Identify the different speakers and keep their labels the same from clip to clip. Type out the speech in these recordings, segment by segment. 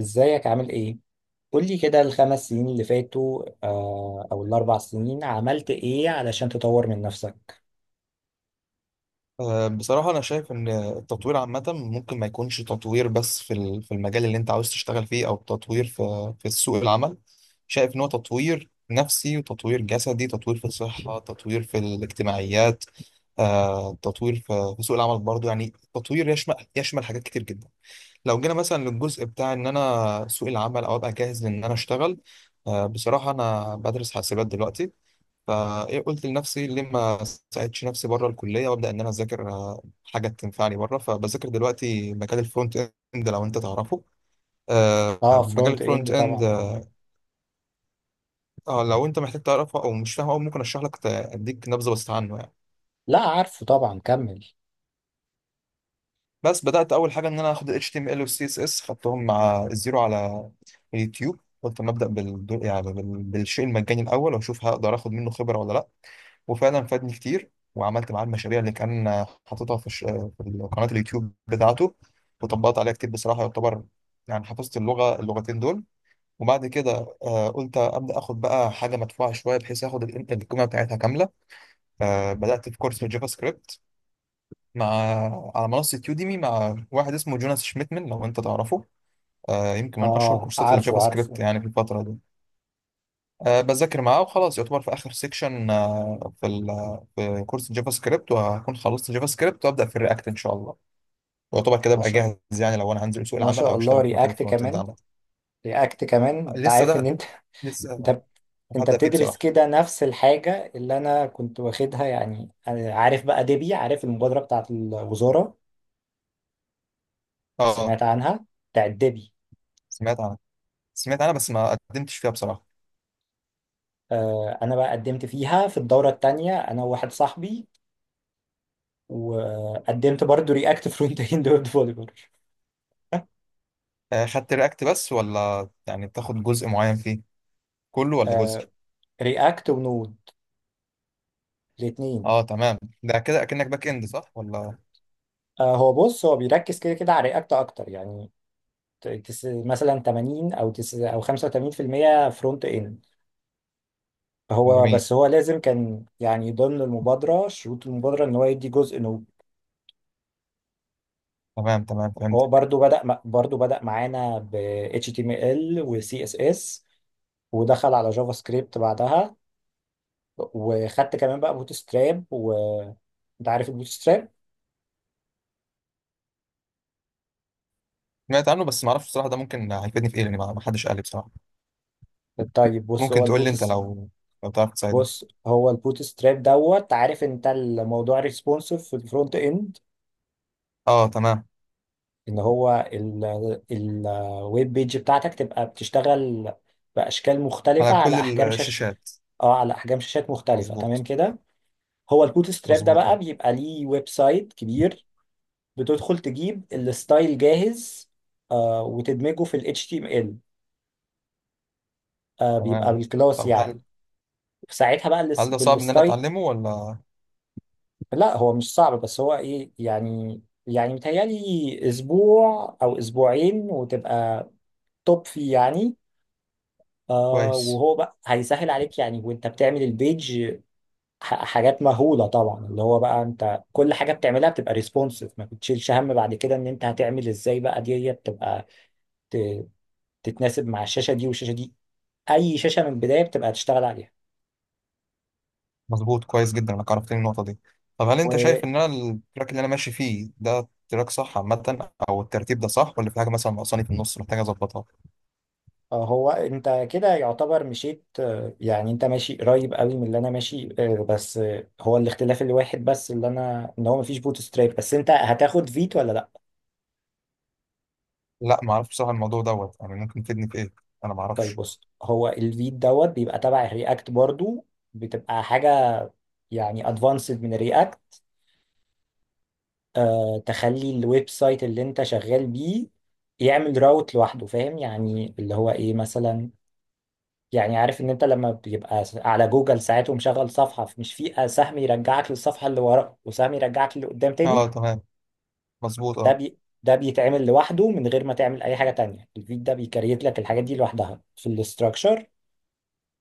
Speaker 1: ازيك عامل ايه؟ قولي كده الـ5 سنين اللي فاتوا او الـ4 سنين عملت ايه علشان تطور من نفسك؟
Speaker 2: بصراحة أنا شايف إن التطوير عامة ممكن ما يكونش تطوير بس في المجال اللي أنت عاوز تشتغل فيه أو تطوير في سوق العمل. شايف إن هو تطوير نفسي وتطوير جسدي، تطوير في الصحة، تطوير في الاجتماعيات. تطوير في سوق العمل برضو، يعني تطوير يشمل حاجات كتير جدا. لو جينا مثلا للجزء بتاع إن أنا سوق العمل أو أبقى جاهز إن أنا أشتغل، بصراحة أنا بدرس حاسبات دلوقتي. فقلت لنفسي ليه ما ساعدش نفسي بره الكليه وابدا ان انا اذاكر حاجه تنفعني بره. فبذاكر دلوقتي مجال الفرونت اند، لو انت تعرفه.
Speaker 1: اه،
Speaker 2: مجال
Speaker 1: فرونت اند
Speaker 2: الفرونت اند.
Speaker 1: طبعا، اه.
Speaker 2: لو انت محتاج تعرفه او مش فاهمه أوي، ممكن اشرح لك، اديك نبذه بس عنه يعني.
Speaker 1: لا، عارفه طبعا، كمل.
Speaker 2: بس بدات اول حاجه ان انا اخد ال HTML وال CSS، خدتهم مع الزيرو على اليوتيوب. قلت ما ابدا بالشيء المجاني الاول واشوف هقدر اخد منه خبره ولا لا. وفعلا فادني كتير وعملت معاه المشاريع اللي كان حاططها في قناة اليوتيوب بتاعته. وطبقت عليها كتير بصراحة، يعتبر يعني حفظت اللغتين دول. وبعد كده قلت أبدأ آخد بقى حاجة مدفوعة شوية بحيث آخد القيمة بتاعتها كاملة. بدأت في كورس جافا سكريبت مع على منصة يوديمي مع واحد اسمه جوناس شميتمن، لو أنت تعرفه. يمكن من أشهر
Speaker 1: اه،
Speaker 2: كورسات
Speaker 1: عارفه
Speaker 2: الجافا سكريبت
Speaker 1: عارفه.
Speaker 2: يعني في الفترة دي. بذاكر معاه وخلاص، يعتبر في آخر سيكشن في كورس الجافا سكريبت، وهكون خلصت جافا سكريبت وأبدأ في الرياكت إن شاء الله. يعتبر كده
Speaker 1: ما
Speaker 2: أبقى
Speaker 1: شاء
Speaker 2: جاهز يعني لو أنا هنزل سوق
Speaker 1: ما
Speaker 2: العمل
Speaker 1: شاء
Speaker 2: أو
Speaker 1: الله،
Speaker 2: أشتغل في مكان
Speaker 1: رياكت
Speaker 2: الفرونت إند
Speaker 1: كمان.
Speaker 2: عامة.
Speaker 1: رياكت كمان، انت
Speaker 2: لسه
Speaker 1: عارف ان
Speaker 2: ده
Speaker 1: انت
Speaker 2: لسه
Speaker 1: انت انت
Speaker 2: هبدأ فيه
Speaker 1: بتدرس
Speaker 2: بصراحة.
Speaker 1: كده نفس الحاجة اللي انا كنت واخدها، يعني أنا عارف بقى ديبي، عارف المبادرة بتاعت الوزارة.
Speaker 2: اه.
Speaker 1: سمعت عنها، بتاعت ديبي.
Speaker 2: سمعت عنها. سمعت عنها بس ما قدمتش فيها بصراحة.
Speaker 1: انا بقى قدمت فيها في الدوره الثانيه انا وواحد صاحبي، وقدمت برضو رياكت فرونت اند ويب ديفلوبر.
Speaker 2: خدت رياكت بس، ولا يعني بتاخد جزء معين فيه؟ كله ولا جزء؟
Speaker 1: رياكت ونود، الاثنين.
Speaker 2: اه، تمام. ده كده اكنك باك اند، صح ولا؟
Speaker 1: هو، بص، هو بيركز كده كده على رياكت اكتر يعني. تس مثلا 80 او تس او 85% فرونت اند. هو
Speaker 2: جميل.
Speaker 1: بس، هو لازم كان، يعني ضمن المبادره شروط المبادره ان هو يدي جزء نود.
Speaker 2: تمام، تمام، فهمت.
Speaker 1: هو برضو بدا معانا ب HTML و CSS، ودخل على جافا سكريبت بعدها، وخدت كمان بقى بوت ستراب، وانت عارف البوت ستراب.
Speaker 2: سمعت عنه بس ما اعرفش بصراحة، ده ممكن هيفيدني في ايه؟ لان ما حدش قال لي بصراحة.
Speaker 1: طيب،
Speaker 2: ممكن تقول لي انت، لو تعرف تساعدني.
Speaker 1: بص هو البوت ستراب، دوت، عارف انت الموضوع ريسبونسيف في الفرونت اند،
Speaker 2: اه، تمام.
Speaker 1: ان هو الويب بيج بتاعتك تبقى بتشتغل باشكال
Speaker 2: على
Speaker 1: مختلفه
Speaker 2: كل
Speaker 1: على احجام شاش.
Speaker 2: الشاشات.
Speaker 1: اه، على احجام شاشات مختلفه،
Speaker 2: مظبوط.
Speaker 1: تمام كده. هو البوت ستراب ده
Speaker 2: مظبوط،
Speaker 1: بقى
Speaker 2: اه،
Speaker 1: بيبقى ليه ويب سايت كبير، بتدخل تجيب الستايل جاهز، وتدمجه في ال HTML، بيبقى
Speaker 2: تمام.
Speaker 1: بالكلاس
Speaker 2: طب هل
Speaker 1: يعني. ساعتها بقى الاس-
Speaker 2: هل ده صعب ان انا
Speaker 1: بالستاي.
Speaker 2: اتعلمه ولا؟
Speaker 1: لا، هو مش صعب، بس هو ايه يعني، يعني متهيألي اسبوع او اسبوعين وتبقى توب فيه يعني.
Speaker 2: كويس.
Speaker 1: وهو بقى هيسهل عليك يعني وانت بتعمل البيج. حاجات مهولة طبعا اللي هو بقى انت كل حاجة بتعملها بتبقى ريسبونسيف، ما بتشيلش هم بعد كده ان انت هتعمل ازاي بقى دي بتبقى ت- تتناسب مع الشاشة دي والشاشة دي، اي شاشة من البداية بتبقى هتشتغل
Speaker 2: مظبوط. كويس جدا انك عرفتني النقطة دي. طب هل انت شايف
Speaker 1: عليها.
Speaker 2: ان انا التراك اللي انا ماشي فيه ده تراك صح عامة، او الترتيب ده صح ولا في حاجة مثلا ناقصاني في النص محتاج اظبطها؟
Speaker 1: هو انت كده يعتبر مشيت، يعني انت ماشي قريب قوي من اللي انا ماشي، بس، هو الاختلاف الواحد، بس اللي انا ان هو مفيش بوت ستراب، بس انت هتاخد فيت ولا لا؟
Speaker 2: لا، ما اعرفش بصراحة الموضوع دوت، يعني ممكن تفيدني في ايه؟ انا ما
Speaker 1: طيب،
Speaker 2: اعرفش.
Speaker 1: بص، هو الفيت دوت بيبقى تبع الرياكت برضو، بتبقى حاجة يعني ادفانسد من الرياكت. تخلي الويب سايت اللي انت شغال بيه يعمل راوت لوحده، فاهم؟ يعني اللي هو ايه مثلا، يعني عارف ان انت لما بيبقى على جوجل ساعات ومشغل صفحة، مش في سهم يرجعك للصفحة اللي ورا وسهم يرجعك اللي قدام تاني.
Speaker 2: اه، تمام. مظبوط، اه.
Speaker 1: ده بيتعمل لوحده من غير ما تعمل اي حاجة تانية، الفيد ده بيكريت لك الحاجات دي لوحدها في الاستراكشر.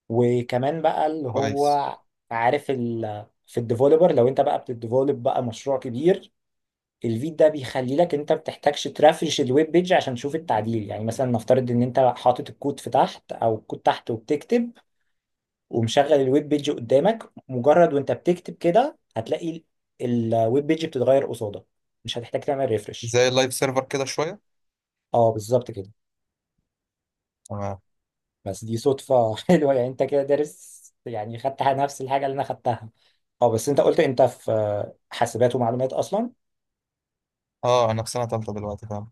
Speaker 1: وكمان بقى اللي هو،
Speaker 2: كويس.
Speaker 1: عارف، في الديفولبر لو انت بقى بتديفولب بقى مشروع كبير، الفيد ده بيخلي لك انت بتحتاجش ترافرش الويب بيج عشان تشوف التعديل، يعني مثلا نفترض ان انت حاطط الكود في تحت او الكود تحت وبتكتب ومشغل الويب بيج قدامك، مجرد وانت بتكتب كده هتلاقي ال- الويب بيج بتتغير قصادك، مش هتحتاج تعمل ريفرش.
Speaker 2: زي اللايف سيرفر كده شوية.
Speaker 1: اه، بالظبط كده.
Speaker 2: تمام.
Speaker 1: بس دي صدفة حلوة، يعني انت كده دارس، يعني خدت نفس الحاجة اللي انا خدتها. اه، بس انت قلت انت في حاسبات ومعلومات اصلا.
Speaker 2: اه، انا في سنة تالتة دلوقتي، فاهم.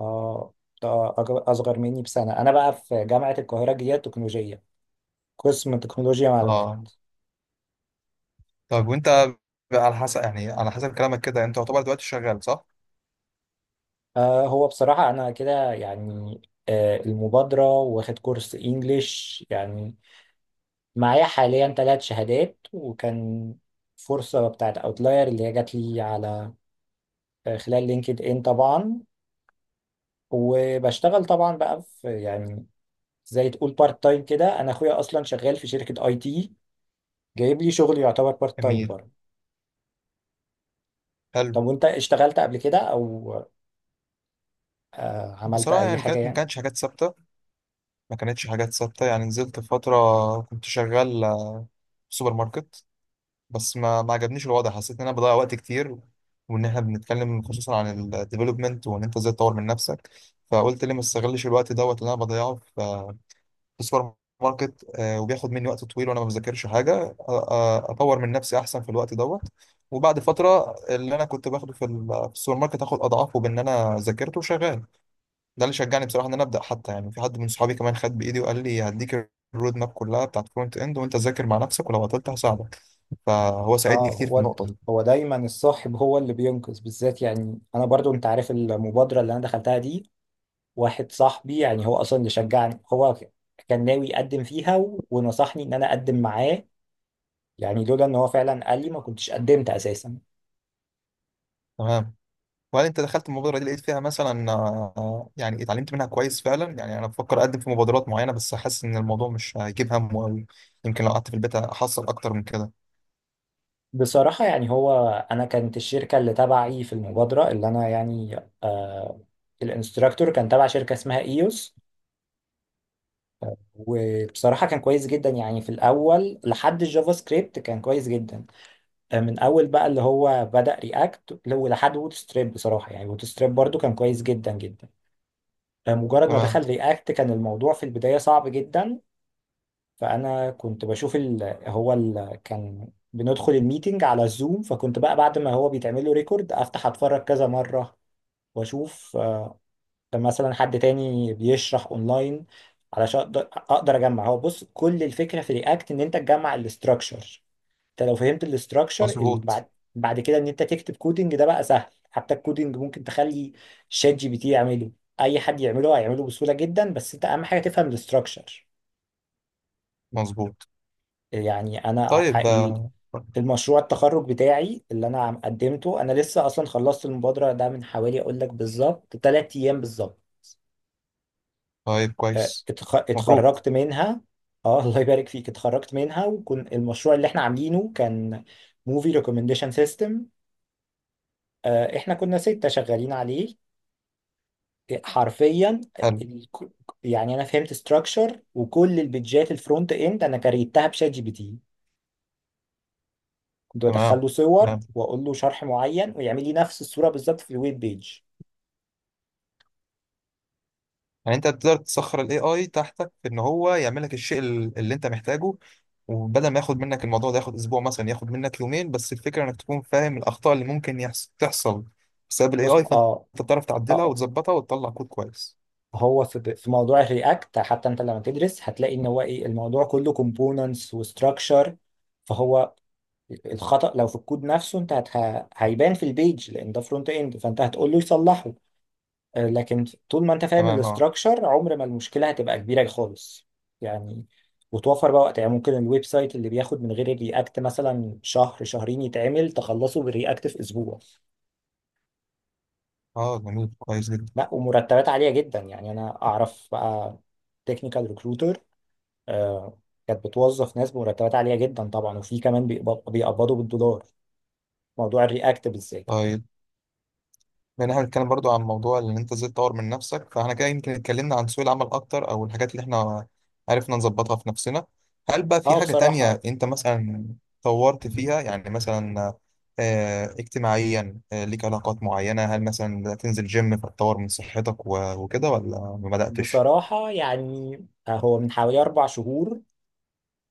Speaker 1: اه، ده اصغر مني بسنة، انا بقى في جامعة القاهرة الجديدة التكنولوجية، قسم تكنولوجيا معلومات.
Speaker 2: اه. طب وانت بقى، على حسب يعني على حسب كلامك كده، يعني انت يعتبر دلوقتي شغال صح؟
Speaker 1: هو بصراحة انا كده يعني، المبادرة واخد كورس انجليش، يعني معايا حاليا 3 شهادات، وكان فرصة بتاعت اوتلاير اللي هي جات لي على خلال لينكد ان طبعا، وبشتغل طبعا بقى في، يعني زي تقول بارت تايم كده، انا اخويا اصلا شغال في شركة اي تي جايب لي شغل يعتبر بارت تايم
Speaker 2: جميل.
Speaker 1: برضه.
Speaker 2: حلو.
Speaker 1: طب وانت اشتغلت قبل كده، او عملت
Speaker 2: بصراحة
Speaker 1: اي
Speaker 2: يعني
Speaker 1: حاجة
Speaker 2: ما
Speaker 1: يعني؟
Speaker 2: كانتش حاجات ثابتة، ما كانتش حاجات ثابتة، يعني نزلت فترة كنت شغال في سوبر ماركت بس ما عجبنيش الوضع، حسيت ان انا بضيع وقت كتير، وان احنا بنتكلم خصوصا عن الديفلوبمنت وان انت ازاي تطور من نفسك. فقلت ليه ما استغلش الوقت دوت اللي انا بضيعه في السوبر ماركت، وبياخد مني وقت طويل وانا ما بذاكرش حاجه، اطور من نفسي احسن في الوقت دوت. وبعد فتره اللي انا كنت باخده في السوبر ماركت، اخد اضعافه بان انا ذاكرته وشغال. ده اللي شجعني بصراحه ان انا ابدا، حتى يعني في حد من صحابي كمان خد بايدي وقال لي هديك الرود ماب كلها بتاعت فرونت اند، وانت ذاكر مع نفسك ولو عطلت هساعدك. فهو ساعدني
Speaker 1: اه،
Speaker 2: كتير في
Speaker 1: هو
Speaker 2: النقطه دي.
Speaker 1: هو دايما الصاحب هو اللي بينقذ بالذات، يعني انا برضو انت عارف المبادرة اللي انا دخلتها دي، واحد صاحبي يعني هو اصلا اللي شجعني، هو كان ناوي يقدم فيها ونصحني ان انا اقدم معاه، يعني لولا ان هو فعلا قال لي ما كنتش قدمت اساسا.
Speaker 2: تمام. وهل انت دخلت المبادره دي لقيت فيها مثلا، يعني اتعلمت منها كويس فعلا؟ يعني انا بفكر اقدم في مبادرات معينه بس حاسس ان الموضوع مش هيجيب همه قوي، يمكن لو قعدت في البيت احصل اكتر من كده.
Speaker 1: بصراحة يعني، هو انا كانت الشركة اللي تبعي في المبادرة اللي انا يعني، آه الانستراكتور كان تبع شركة اسمها ايوس، وبصراحة كان كويس جدا، يعني في الأول لحد الجافا سكريبت كان كويس جدا. من أول بقى اللي هو بدأ رياكت لو لحد ووت ستريب، بصراحة يعني ووت ستريب برضو كان كويس جدا جدا. مجرد ما
Speaker 2: تمام.
Speaker 1: دخل رياكت كان الموضوع في البداية صعب جدا. فأنا كنت بشوف كان بندخل الميتنج على الزوم، فكنت بقى بعد ما هو بيتعمل له ريكورد أفتح أتفرج كذا مرة، وأشوف مثلا حد تاني بيشرح أونلاين علشان أقدر أجمع. هو، بص، كل الفكرة في رياكت إن أنت تجمع الاستراكشر، انت لو فهمت الاستراكشر
Speaker 2: مظبوط.
Speaker 1: بعد كده ان انت تكتب كودنج ده بقى سهل، حتى الكودنج ممكن تخلي شات جي بي تي يعمله، اي حد يعمله هيعمله بسهوله جدا، بس انت اهم حاجه تفهم الاستراكشر.
Speaker 2: مظبوط.
Speaker 1: يعني انا، ع-
Speaker 2: طيب،
Speaker 1: ال- المشروع التخرج بتاعي اللي انا قدمته، انا لسه اصلا خلصت المبادره ده من حوالي، اقول لك بالظبط 3 ايام بالظبط.
Speaker 2: طيب،
Speaker 1: اه،
Speaker 2: كويس. مبروك.
Speaker 1: اتخرجت منها. اه، الله يبارك فيك، اتخرجت منها، وكان المشروع اللي احنا عاملينه كان موفي ريكومنديشن سيستم. احنا كنا 6 شغالين عليه حرفيا.
Speaker 2: حلو.
Speaker 1: ال- يعني انا فهمت ستراكشر وكل البيدجات الفرونت اند انا كريتها بشات جي بي تي، كنت بدخل
Speaker 2: تمام،
Speaker 1: له صور
Speaker 2: تمام.
Speaker 1: واقول له شرح معين، ويعمل لي نفس الصورة بالظبط في الويب بيج.
Speaker 2: يعني انت تقدر تسخر الاي اي تحتك في ان هو يعمل لك الشيء اللي انت محتاجه. وبدل ما ياخد منك الموضوع ده ياخد اسبوع مثلا، ياخد منك يومين بس، الفكره انك تكون فاهم الاخطاء اللي ممكن تحصل بسبب الاي
Speaker 1: بص،
Speaker 2: اي، فانت
Speaker 1: اه،
Speaker 2: بتعرف
Speaker 1: اه،
Speaker 2: تعدلها وتظبطها وتطلع كود كويس.
Speaker 1: هو في موضوع الرياكت حتى انت لما تدرس هتلاقي ان هو ايه الموضوع كله كومبوننتس وستراكشر، فهو الخطأ لو في الكود نفسه انت هيبان في البيج لان ده فرونت اند، فانت هتقول له يصلحه. لكن طول ما انت فاهم
Speaker 2: تمام، اه.
Speaker 1: الاستراكشر عمر ما المشكله هتبقى كبيره خالص يعني، وتوفر بقى وقت، يعني ممكن الويب سايت اللي بياخد من غير الرياكت مثلا شهر شهرين يتعمل، تخلصه بالرياكت في اسبوع.
Speaker 2: اه، جميل. كويس جدا.
Speaker 1: لا، ومرتبات عاليه جدا، يعني انا اعرف بقى تكنيكال ريكروتر كانت بتوظف ناس بمرتبات عاليه جدا طبعا، وفي كمان بيقبضوا بالدولار، موضوع الرياكت بالذات.
Speaker 2: طيب، لان احنا بنتكلم برضو عن موضوع ان انت ازاي تطور من نفسك، فاحنا كده يمكن اتكلمنا عن سوق العمل اكتر او الحاجات اللي احنا عرفنا نظبطها في نفسنا. هل بقى في
Speaker 1: اه،
Speaker 2: حاجة تانية
Speaker 1: بصراحه
Speaker 2: انت مثلا طورت فيها يعني، مثلا اجتماعيا، ليك علاقات معينة؟ هل مثلا بدأت تنزل جيم فتطور من صحتك و- وكده ولا ما بدأتش؟
Speaker 1: بصراحه يعني، هو من حوالي 4 شهور،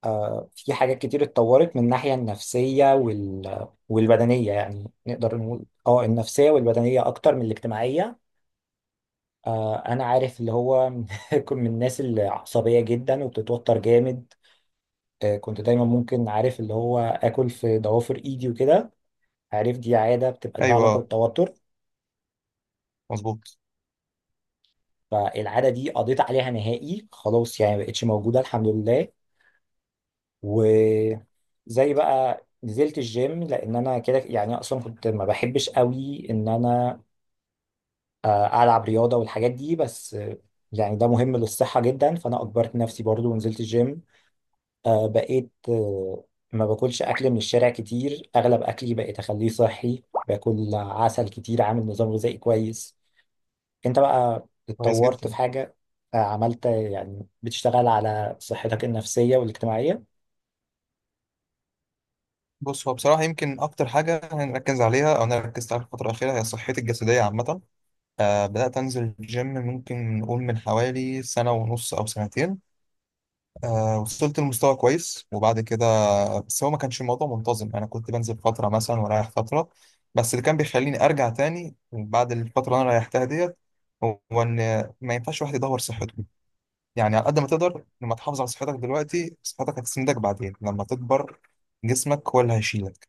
Speaker 1: في حاجات كتير اتطورت من الناحية النفسية والبدنية، يعني نقدر نقول اه، النفسية والبدنية أكتر من الاجتماعية. أنا عارف اللي هو كنت من الناس اللي عصبية جدا وبتتوتر جامد. كنت دايما ممكن عارف اللي هو آكل في ضوافر إيدي وكده، عارف دي عادة بتبقى ليها علاقة
Speaker 2: ايوه.
Speaker 1: بالتوتر،
Speaker 2: مظبوط.
Speaker 1: فالعادة دي قضيت عليها نهائي خلاص، يعني مبقتش موجودة الحمد لله. و زي بقى نزلت الجيم لان انا كده يعني اصلا كنت ما بحبش قوي ان انا العب رياضه والحاجات دي، بس يعني ده مهم للصحه جدا، فانا اجبرت نفسي برضو ونزلت الجيم. بقيت، ما باكلش اكل من الشارع كتير، اغلب اكلي بقيت اخليه صحي، باكل عسل كتير، عامل نظام غذائي كويس. انت بقى
Speaker 2: كويس
Speaker 1: اتطورت
Speaker 2: جدا.
Speaker 1: في حاجه؟ عملت، يعني بتشتغل على صحتك النفسيه والاجتماعيه؟
Speaker 2: بص هو بصراحة يمكن أكتر حاجة هنركز عليها أو أنا ركزت عليها الفترة الأخيرة هي صحتي الجسدية عامة. بدأت أنزل الجيم ممكن نقول من حوالي سنة ونص أو سنتين. وصلت لمستوى كويس، وبعد كده بس هو ما كانش الموضوع منتظم، أنا كنت بنزل فترة مثلا ورايح فترة. بس اللي كان بيخليني أرجع تاني بعد الفترة اللي أنا ريحتها ديت هو إن ما ينفعش واحد يدور صحته، يعني على قد ما تقدر لما تحافظ على صحتك دلوقتي صحتك هتسندك بعدين لما تكبر، جسمك هو اللي هيشيلك،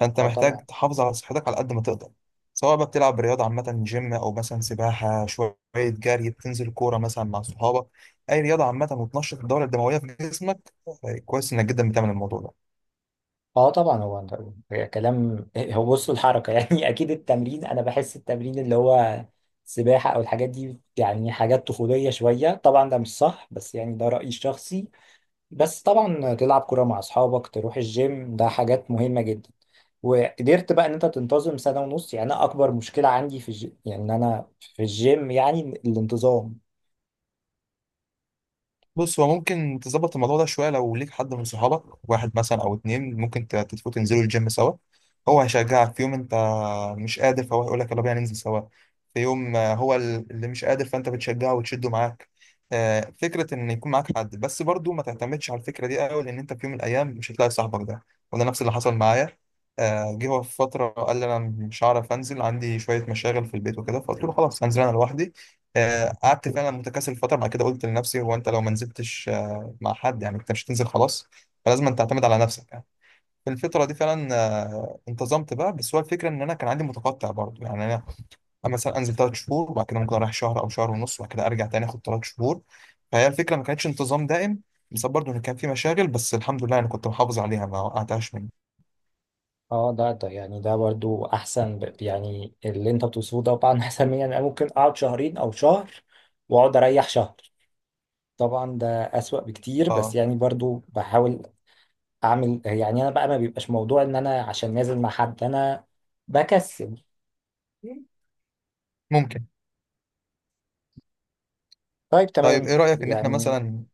Speaker 2: فانت
Speaker 1: اه
Speaker 2: محتاج
Speaker 1: طبعا.
Speaker 2: تحافظ على صحتك على قد ما تقدر، سواء بقى بتلعب رياضه عامه جيم او مثلا سباحه شويه جري، بتنزل كوره مثلا مع صحابك. اي رياضه عامه وتنشط الدوره الدمويه في جسمك. طيب، كويس انك جدا بتعمل الموضوع ده.
Speaker 1: اه طبعا، هو انت، هي كلام، هو، بص، الحركه يعني اكيد التمرين، انا بحس التمرين اللي هو سباحه او الحاجات دي يعني حاجات طفوليه شويه، طبعا ده مش صح، بس يعني ده رايي الشخصي. بس طبعا تلعب كوره مع اصحابك تروح الجيم، ده حاجات مهمه جدا. وقدرت بقى ان انت تنتظم سنه ونص، يعني انا اكبر مشكله عندي في يعني ان انا في الجيم يعني الانتظام.
Speaker 2: بص هو ممكن تظبط الموضوع ده شويه لو ليك حد من صحابك، واحد مثلا او اتنين، ممكن تتفقوا تنزلوا الجيم سوا. هو هيشجعك في يوم انت مش قادر، فهو هيقول لك يلا بينا ننزل سوا. في يوم هو اللي مش قادر، فانت بتشجعه وتشده معاك. فكرة ان يكون معاك حد، بس برضو ما تعتمدش على الفكرة دي قوي، لان انت في يوم من الايام مش هتلاقي صاحبك ده. وده نفس اللي حصل معايا. جه هو في فترة قال لي أنا مش هعرف أنزل، عندي شوية مشاغل في البيت وكده. فقلت له خلاص هنزل أنا لوحدي. قعدت فعلا متكاسل فترة، بعد كده قلت لنفسي هو أنت لو ما نزلتش مع حد يعني، أنت مش هتنزل خلاص، فلازم أن تعتمد على نفسك يعني. في الفترة دي فعلا انتظمت بقى، بس هو الفكرة ان انا كان عندي متقطع برضه، يعني انا مثلا انزل 3 شهور وبعد كده ممكن اروح شهر او شهر ونص، وبعد كده ارجع تاني اخد 3 شهور. فهي الفكرة ما كانتش انتظام دائم، بس برضه ان كان في مشاغل، بس الحمد لله انا كنت محافظ عليها ما وقعتهاش مني.
Speaker 1: اه، ده يعني ده برضو احسن يعني اللي انت بتوصفه ده طبعا احسن مني، يعني انا ممكن اقعد شهرين او شهر، واقعد اريح شهر، طبعا ده اسوأ بكتير، بس
Speaker 2: اه.
Speaker 1: يعني برضو بحاول اعمل، يعني انا بقى ما بيبقاش موضوع ان انا عشان نازل مع حد، انا بكسل.
Speaker 2: ممكن.
Speaker 1: طيب،
Speaker 2: طيب ايه
Speaker 1: تمام
Speaker 2: رأيك ان احنا
Speaker 1: يعني.
Speaker 2: مثلا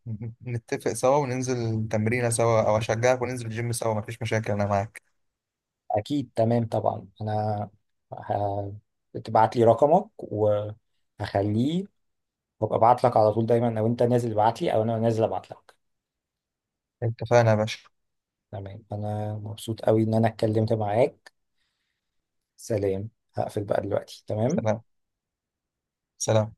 Speaker 2: نتفق سوا وننزل تمرينة سوا، او اشجعك وننزل الجيم سوا؟ مفيش مشاكل انا معاك.
Speaker 1: اكيد تمام طبعا، انا ه- تبعت لي رقمك وهخليه، وابقى ابعت لك على طول دايما، او انت نازل ابعت لي او انا نازل ابعت لك.
Speaker 2: اتفقنا يا باشا.
Speaker 1: تمام، انا مبسوط قوي ان انا اتكلمت معاك، سلام، هقفل بقى دلوقتي، تمام.
Speaker 2: سلام. سلام.